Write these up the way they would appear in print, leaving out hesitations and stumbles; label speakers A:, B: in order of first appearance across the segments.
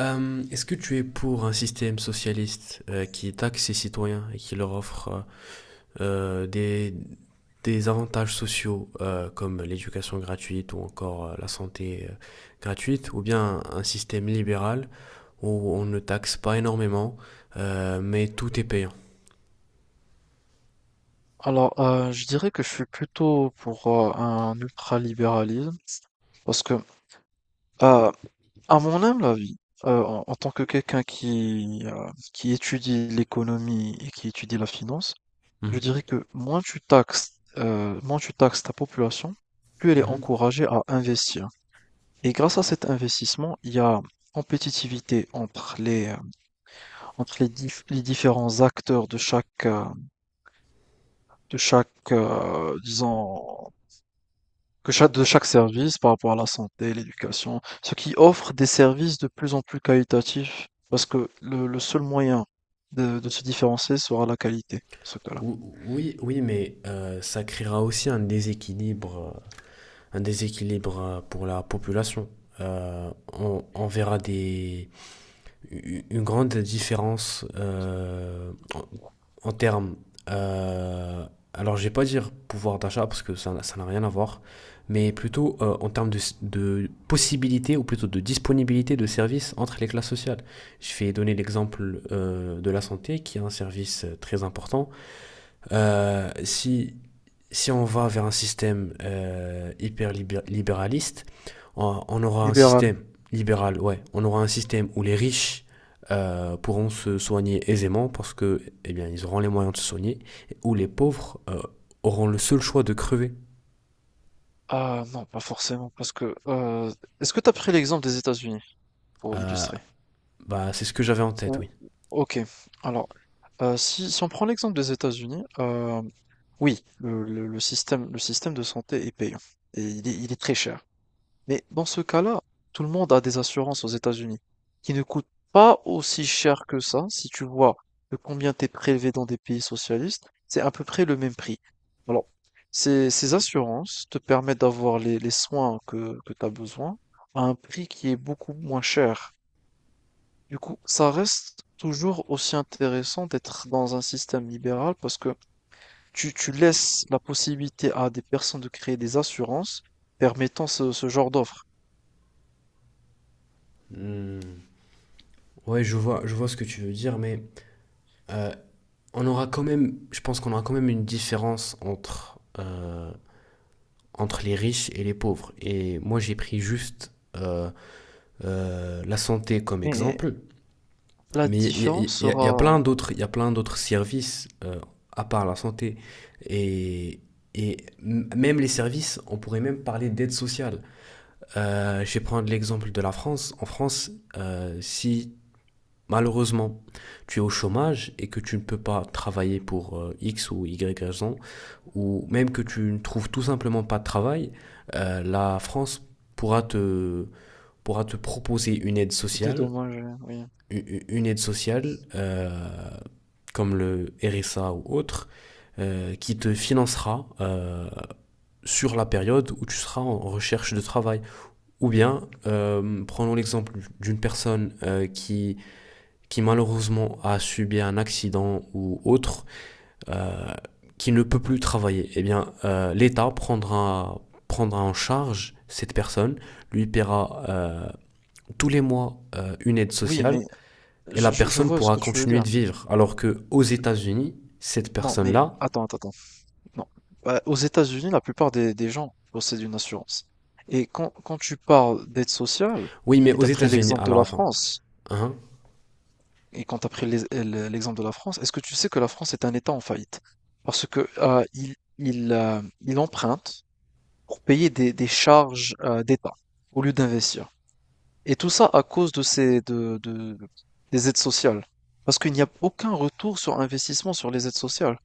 A: Est-ce que tu es pour un système socialiste qui taxe ses citoyens et qui leur offre euh, des, des avantages sociaux comme l'éducation gratuite ou encore la santé gratuite, ou bien un système libéral où on ne taxe pas énormément, mais tout est payant?
B: Alors, je dirais que je suis plutôt pour un ultralibéralisme parce que, euh, à mon humble avis, en tant que quelqu'un qui étudie l'économie et qui étudie la finance, je
A: Mhm.
B: dirais que moins tu taxes ta population, plus elle est
A: Mhm.
B: encouragée à investir. Et grâce à cet investissement, il y a compétitivité entre les différents acteurs de chaque, disons, que chaque de chaque service par rapport à la santé, l'éducation, ce qui offre des services de plus en plus qualitatifs, parce que le seul moyen de se différencier sera la qualité, ce cas-là.
A: Oui, oui, mais ça créera aussi un déséquilibre pour la population. On verra des, une grande différence en termes. euh, alors, je vais pas dire pouvoir d'achat parce que ça n'a rien à voir, mais plutôt en termes de possibilité ou plutôt de disponibilité de services entre les classes sociales. Je vais donner l'exemple de la santé qui est un service très important. Euh, si si on va vers un système hyper libéraliste, on aura un
B: Libéral.
A: système libéral, ouais, on aura un système où les riches pourront se soigner aisément parce que, eh bien, ils auront les moyens de se soigner, et où les pauvres auront le seul choix de crever.
B: Ah non, pas forcément, parce que est-ce que tu as pris l'exemple des États-Unis pour
A: Euh,
B: illustrer?
A: Bah, c'est ce que j'avais en tête, oui.
B: Ou ok, alors si on prend l'exemple des États-Unis, oui, le système de santé est payant et il est très cher. Mais dans ce cas-là, tout le monde a des assurances aux États-Unis qui ne coûtent pas aussi cher que ça. Si tu vois de combien t'es prélevé dans des pays socialistes, c'est à peu près le même prix. Alors, ces assurances te permettent d'avoir les soins que tu as besoin à un prix qui est beaucoup moins cher. Du coup, ça reste toujours aussi intéressant d'être dans un système libéral parce que tu laisses la possibilité à des personnes de créer des assurances permettant ce genre d'offres.
A: Hmm. Ouais, je vois ce que tu veux dire, mais euh, on aura quand même, je pense qu'on aura quand même une différence entre les riches et les pauvres. Et moi, j'ai pris juste la santé comme
B: Mais
A: exemple,
B: la
A: mais
B: différence sera
A: il y a plein d'autres services à part la santé et même les services, on pourrait même parler d'aide sociale. Je vais prendre l'exemple de la France. En France, si malheureusement tu es au chômage et que tu ne peux pas travailler pour X ou Y raison, ou même que tu ne trouves tout simplement pas de travail, la France pourra te, pourra te proposer une aide sociale
B: dédommagée, oui.
A: une aide sociale, euh, comme le RSA ou autre, qui te financera sur la période où tu seras en recherche de travail. Ou bien, prenons l'exemple d'une personne qui malheureusement a subi un accident ou autre, qui ne peut plus travailler. Eh bien, l'État prendra en charge cette personne, lui paiera tous les mois une aide
B: Oui, mais
A: sociale et la
B: je
A: personne
B: vois ce
A: pourra
B: que tu veux
A: continuer
B: dire.
A: de vivre. Alors que aux États-Unis, cette
B: Non, mais
A: personne-là,
B: attends, attends, attends. Non. Aux États-Unis, la plupart des gens possèdent une assurance. Et quand tu parles d'aide sociale,
A: oui, mais
B: et
A: aux
B: t'as pris
A: États-Unis,
B: l'exemple de
A: alors
B: la
A: attends,
B: France,
A: hein,
B: et quand t'as pris l'exemple de la France, est-ce que tu sais que la France est un État en faillite? Parce que il emprunte pour payer des charges d'État au lieu d'investir. Et tout ça à cause de ces, de- des aides sociales. Parce qu'il n'y a aucun retour sur investissement sur les aides sociales.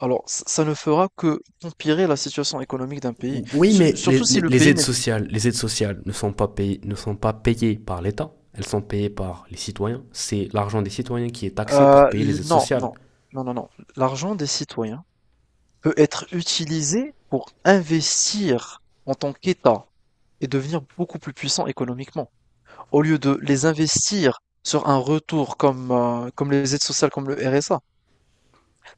B: Alors, ça ne fera que empirer la situation économique d'un pays.
A: oui,
B: Su-
A: mais
B: surtout si le
A: les
B: pays
A: aides
B: n'est
A: sociales, ne sont pas payées, par l'État, elles sont payées par les citoyens. C'est l'argent des citoyens qui est taxé pour payer les aides
B: non,
A: sociales.
B: non, non, non, non. L'argent des citoyens peut être utilisé pour investir en tant qu'État et devenir beaucoup plus puissant économiquement. Au lieu de les investir sur un retour comme les aides sociales, comme le RSA.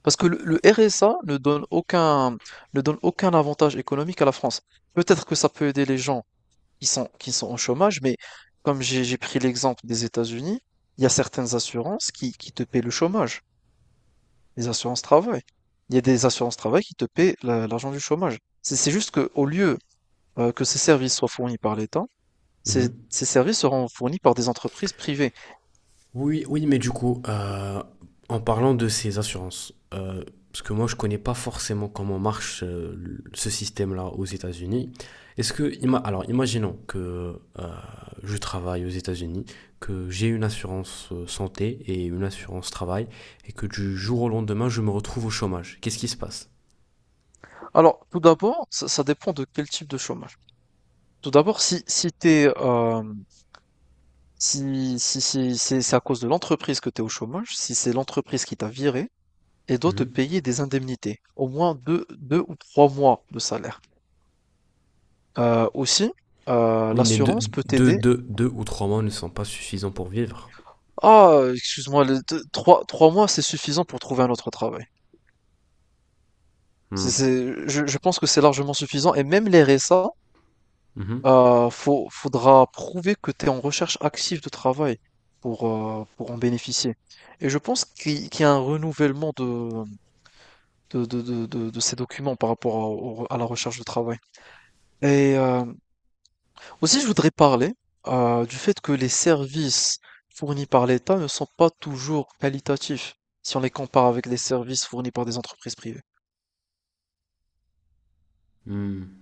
B: Parce que le RSA ne donne aucun avantage économique à la France. Peut-être que ça peut aider les gens qui sont au chômage, mais comme j'ai pris l'exemple des États-Unis, il y a certaines assurances qui te paient le chômage, les assurances travail. Il y a des assurances travail qui te paient l'argent du chômage. C'est juste que au lieu que ces services soient fournis par l'État, ces
A: Mhm.
B: ces services seront fournis par des entreprises privées.
A: Oui, oui, mais du coup, en parlant de ces assurances, parce que moi je connais pas forcément comment marche ce système-là aux États-Unis. Alors, imaginons que je travaille aux États-Unis, que j'ai une assurance santé et une assurance travail, et que du jour au lendemain je me retrouve au chômage. Qu'est-ce qui se passe?
B: Alors, tout d'abord, ça dépend de quel type de chômage. Tout d'abord, si t'es, c'est à cause de l'entreprise que tu es au chômage, si c'est l'entreprise qui t'a viré, et doit te
A: Mhm.
B: payer des indemnités, au moins deux ou trois mois de salaire. Aussi,
A: Oui, mais
B: l'assurance peut t'aider.
A: 2 ou 3 mois ne sont pas suffisants pour vivre.
B: Ah, excuse-moi, les trois mois, c'est suffisant pour trouver un autre travail.
A: Hmm.
B: Je pense que c'est largement suffisant. Et même les RSA,
A: Mhm.
B: faudra prouver que tu es en recherche active de travail pour en bénéficier. Et je pense qu'il y a un renouvellement de ces documents par rapport à la recherche de travail. Et aussi, je voudrais parler du fait que les services fournis par l'État ne sont pas toujours qualitatifs si on les compare avec les services fournis par des entreprises privées.
A: Hmm.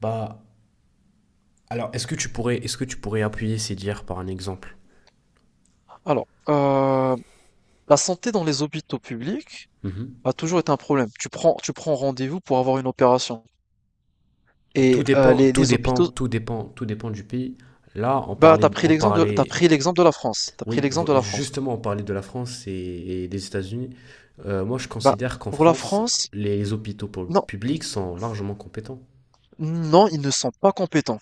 A: Bah, alors, est-ce que tu pourrais, appuyer ces dires par un exemple.
B: Alors, la santé dans les hôpitaux publics
A: Mhm.
B: a toujours été un problème. Tu prends rendez-vous pour avoir une opération. Et les, les hôpitaux,
A: Tout dépend du pays. Là,
B: bah, t'as pris l'exemple de la France. T'as pris
A: oui,
B: l'exemple de la France.
A: justement, on parlait de la France et des États-Unis. Moi, je
B: Bah,
A: considère qu'en
B: pour la
A: France,
B: France,
A: les hôpitaux
B: non,
A: publics sont largement compétents.
B: non, ils ne sont pas compétents.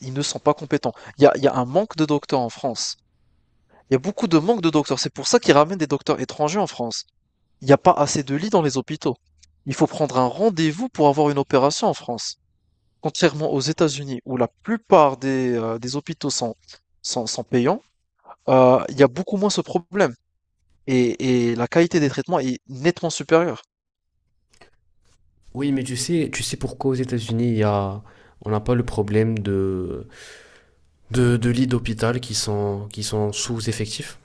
B: Ils ne sont pas compétents. Il y a un manque de docteurs en France. Il y a beaucoup de manque de docteurs. C'est pour ça qu'ils ramènent des docteurs étrangers en France. Il n'y a pas assez de lits dans les hôpitaux. Il faut prendre un rendez-vous pour avoir une opération en France. Contrairement aux États-Unis, où la plupart des hôpitaux sont payants, il y a beaucoup moins ce problème. Et la qualité des traitements est nettement supérieure.
A: Oui, mais tu sais pourquoi aux États-Unis, on n'a pas le problème de lits d'hôpital qui sont sous-effectifs?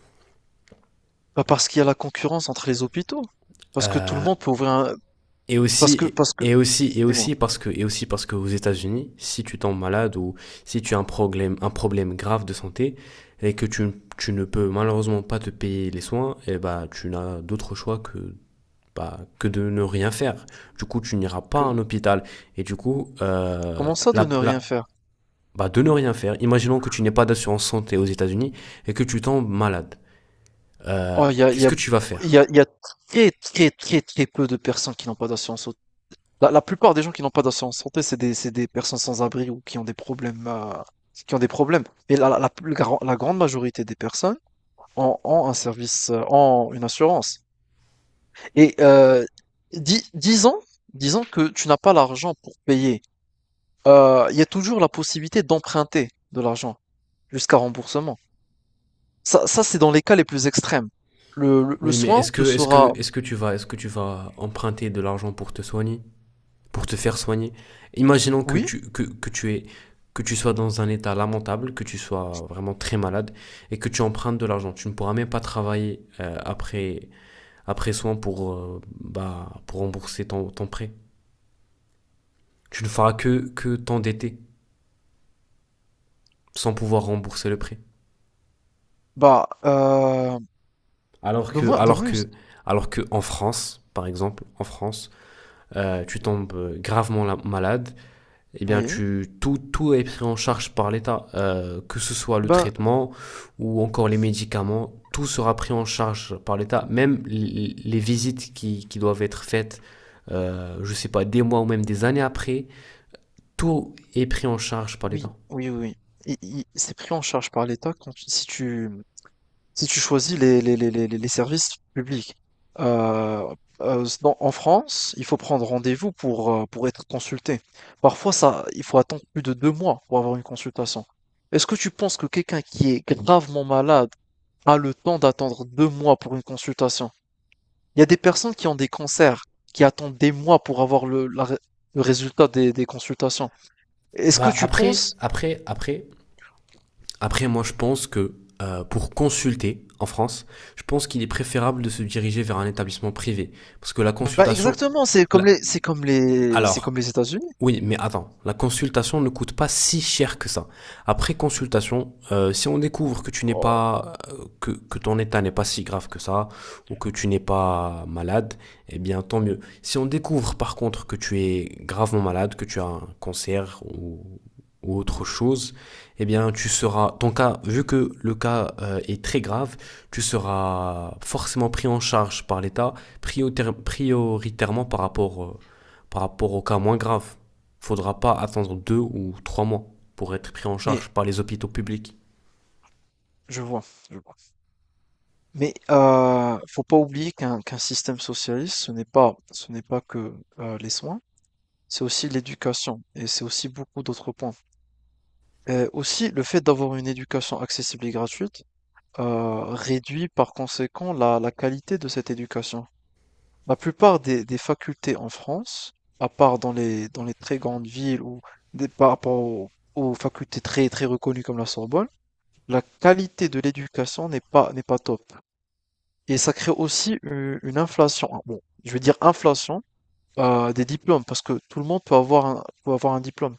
B: Pas parce qu'il y a la concurrence entre les hôpitaux. Parce que tout le
A: Euh,
B: monde peut ouvrir un.
A: Et
B: Parce que,
A: aussi,
B: parce que, dis-moi,
A: et aussi parce que aux États-Unis, si tu tombes malade ou si tu as un problème, grave de santé et que tu ne peux malheureusement pas te payer les soins, et bah, tu n'as d'autre choix que, bah, que de ne rien faire. Du coup, tu n'iras pas à
B: que,
A: un hôpital. Et du coup,
B: comment ça de
A: la,
B: ne rien
A: la,
B: faire?
A: bah, de ne rien faire. Imaginons que tu n'aies pas d'assurance santé aux États-Unis et que tu tombes malade. Euh,
B: Oh, il y a, il y
A: Qu'est-ce
B: a,
A: que tu vas
B: il y
A: faire?
B: a, il y a très, très, très, très peu de personnes qui n'ont pas d'assurance santé. La plupart des gens qui n'ont pas d'assurance santé, c'est des personnes sans abri ou qui ont des problèmes, qui ont des problèmes. Mais la grande majorité des personnes ont une assurance. Et dis- disons, disons que tu n'as pas l'argent pour payer. Il y a toujours la possibilité d'emprunter de l'argent jusqu'à remboursement. C'est dans les cas les plus extrêmes. Le
A: Oui, mais
B: soin te sera,
A: est-ce que tu vas emprunter de l'argent pour te soigner? Pour te faire soigner. Imaginons que
B: oui.
A: tu, que, que tu es que tu sois dans un état lamentable, que tu sois vraiment très malade et que tu empruntes de l'argent. Tu ne pourras même pas travailler après soin pour, bah, pour rembourser ton prêt. Tu ne feras que t'endetter sans pouvoir rembourser le prêt.
B: Bah,
A: Alors que,
B: donne-moi
A: alors
B: donne-moi une
A: que, alors que en France, par exemple, en France, tu tombes gravement malade, eh bien,
B: oui,
A: tout est pris en charge par l'État, que ce soit le
B: ben,
A: traitement ou encore les médicaments, tout sera pris en charge par l'État, même les visites qui doivent être faites, je sais pas, des mois ou même des années après, tout est pris en charge par l'État.
B: oui, oui, oui, oui. I i C'est pris en charge par l'État quand tu si tu choisis les services publics. Heu dans En France, il faut prendre rendez-vous pour être consulté. Parfois ça il faut attendre plus de 2 mois pour avoir une consultation. Est-ce que tu penses que quelqu'un qui est gravement malade a le temps d'attendre 2 mois pour une consultation? Il y a des personnes qui ont des cancers, qui attendent des mois pour avoir le résultat des consultations. Est-ce que
A: Bah
B: tu
A: après,
B: penses?
A: après, après, après, moi je pense que pour consulter en France, je pense qu'il est préférable de se diriger vers un établissement privé, parce que la
B: Bah
A: consultation,
B: exactement, c'est comme
A: la-
B: les, c'est comme les, c'est
A: alors,
B: comme les États-Unis.
A: oui, mais attends, la consultation ne coûte pas si cher que ça. Après consultation, si on découvre que tu n'es
B: Oh,
A: pas, que ton état n'est pas si grave que ça, ou que tu n'es pas malade, eh bien tant mieux. Si on découvre par contre que tu es gravement malade, que tu as un cancer ou autre chose, eh bien tu seras, ton cas, vu que le cas est très grave, tu seras forcément pris en charge par l'État prioritairement par rapport au cas moins grave, faudra pas attendre 2 ou 3 mois pour être pris en
B: mais
A: charge par les hôpitaux publics.
B: je vois, je vois. Mais faut pas oublier qu'un système socialiste, ce n'est pas que les soins, c'est aussi l'éducation et c'est aussi beaucoup d'autres points. Aussi, le fait d'avoir une éducation accessible et gratuite réduit par conséquent la qualité de cette éducation. La plupart des facultés en France, à part dans les très grandes villes par rapport aux facultés très, très reconnues comme la Sorbonne, la qualité de l'éducation n'est pas top. Et ça crée aussi une inflation, ah, bon, je veux dire inflation des diplômes, parce que tout le monde peut avoir un diplôme.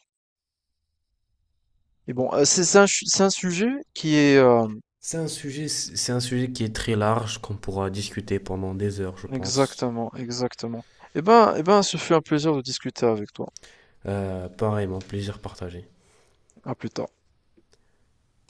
B: Et bon, c'est un sujet qui est.
A: C'est un sujet, qui est très large qu'on pourra discuter pendant des heures, je pense.
B: Exactement, exactement. Eh ben, ce fut un plaisir de discuter avec toi.
A: Pareillement, plaisir partagé.
B: À plus tard.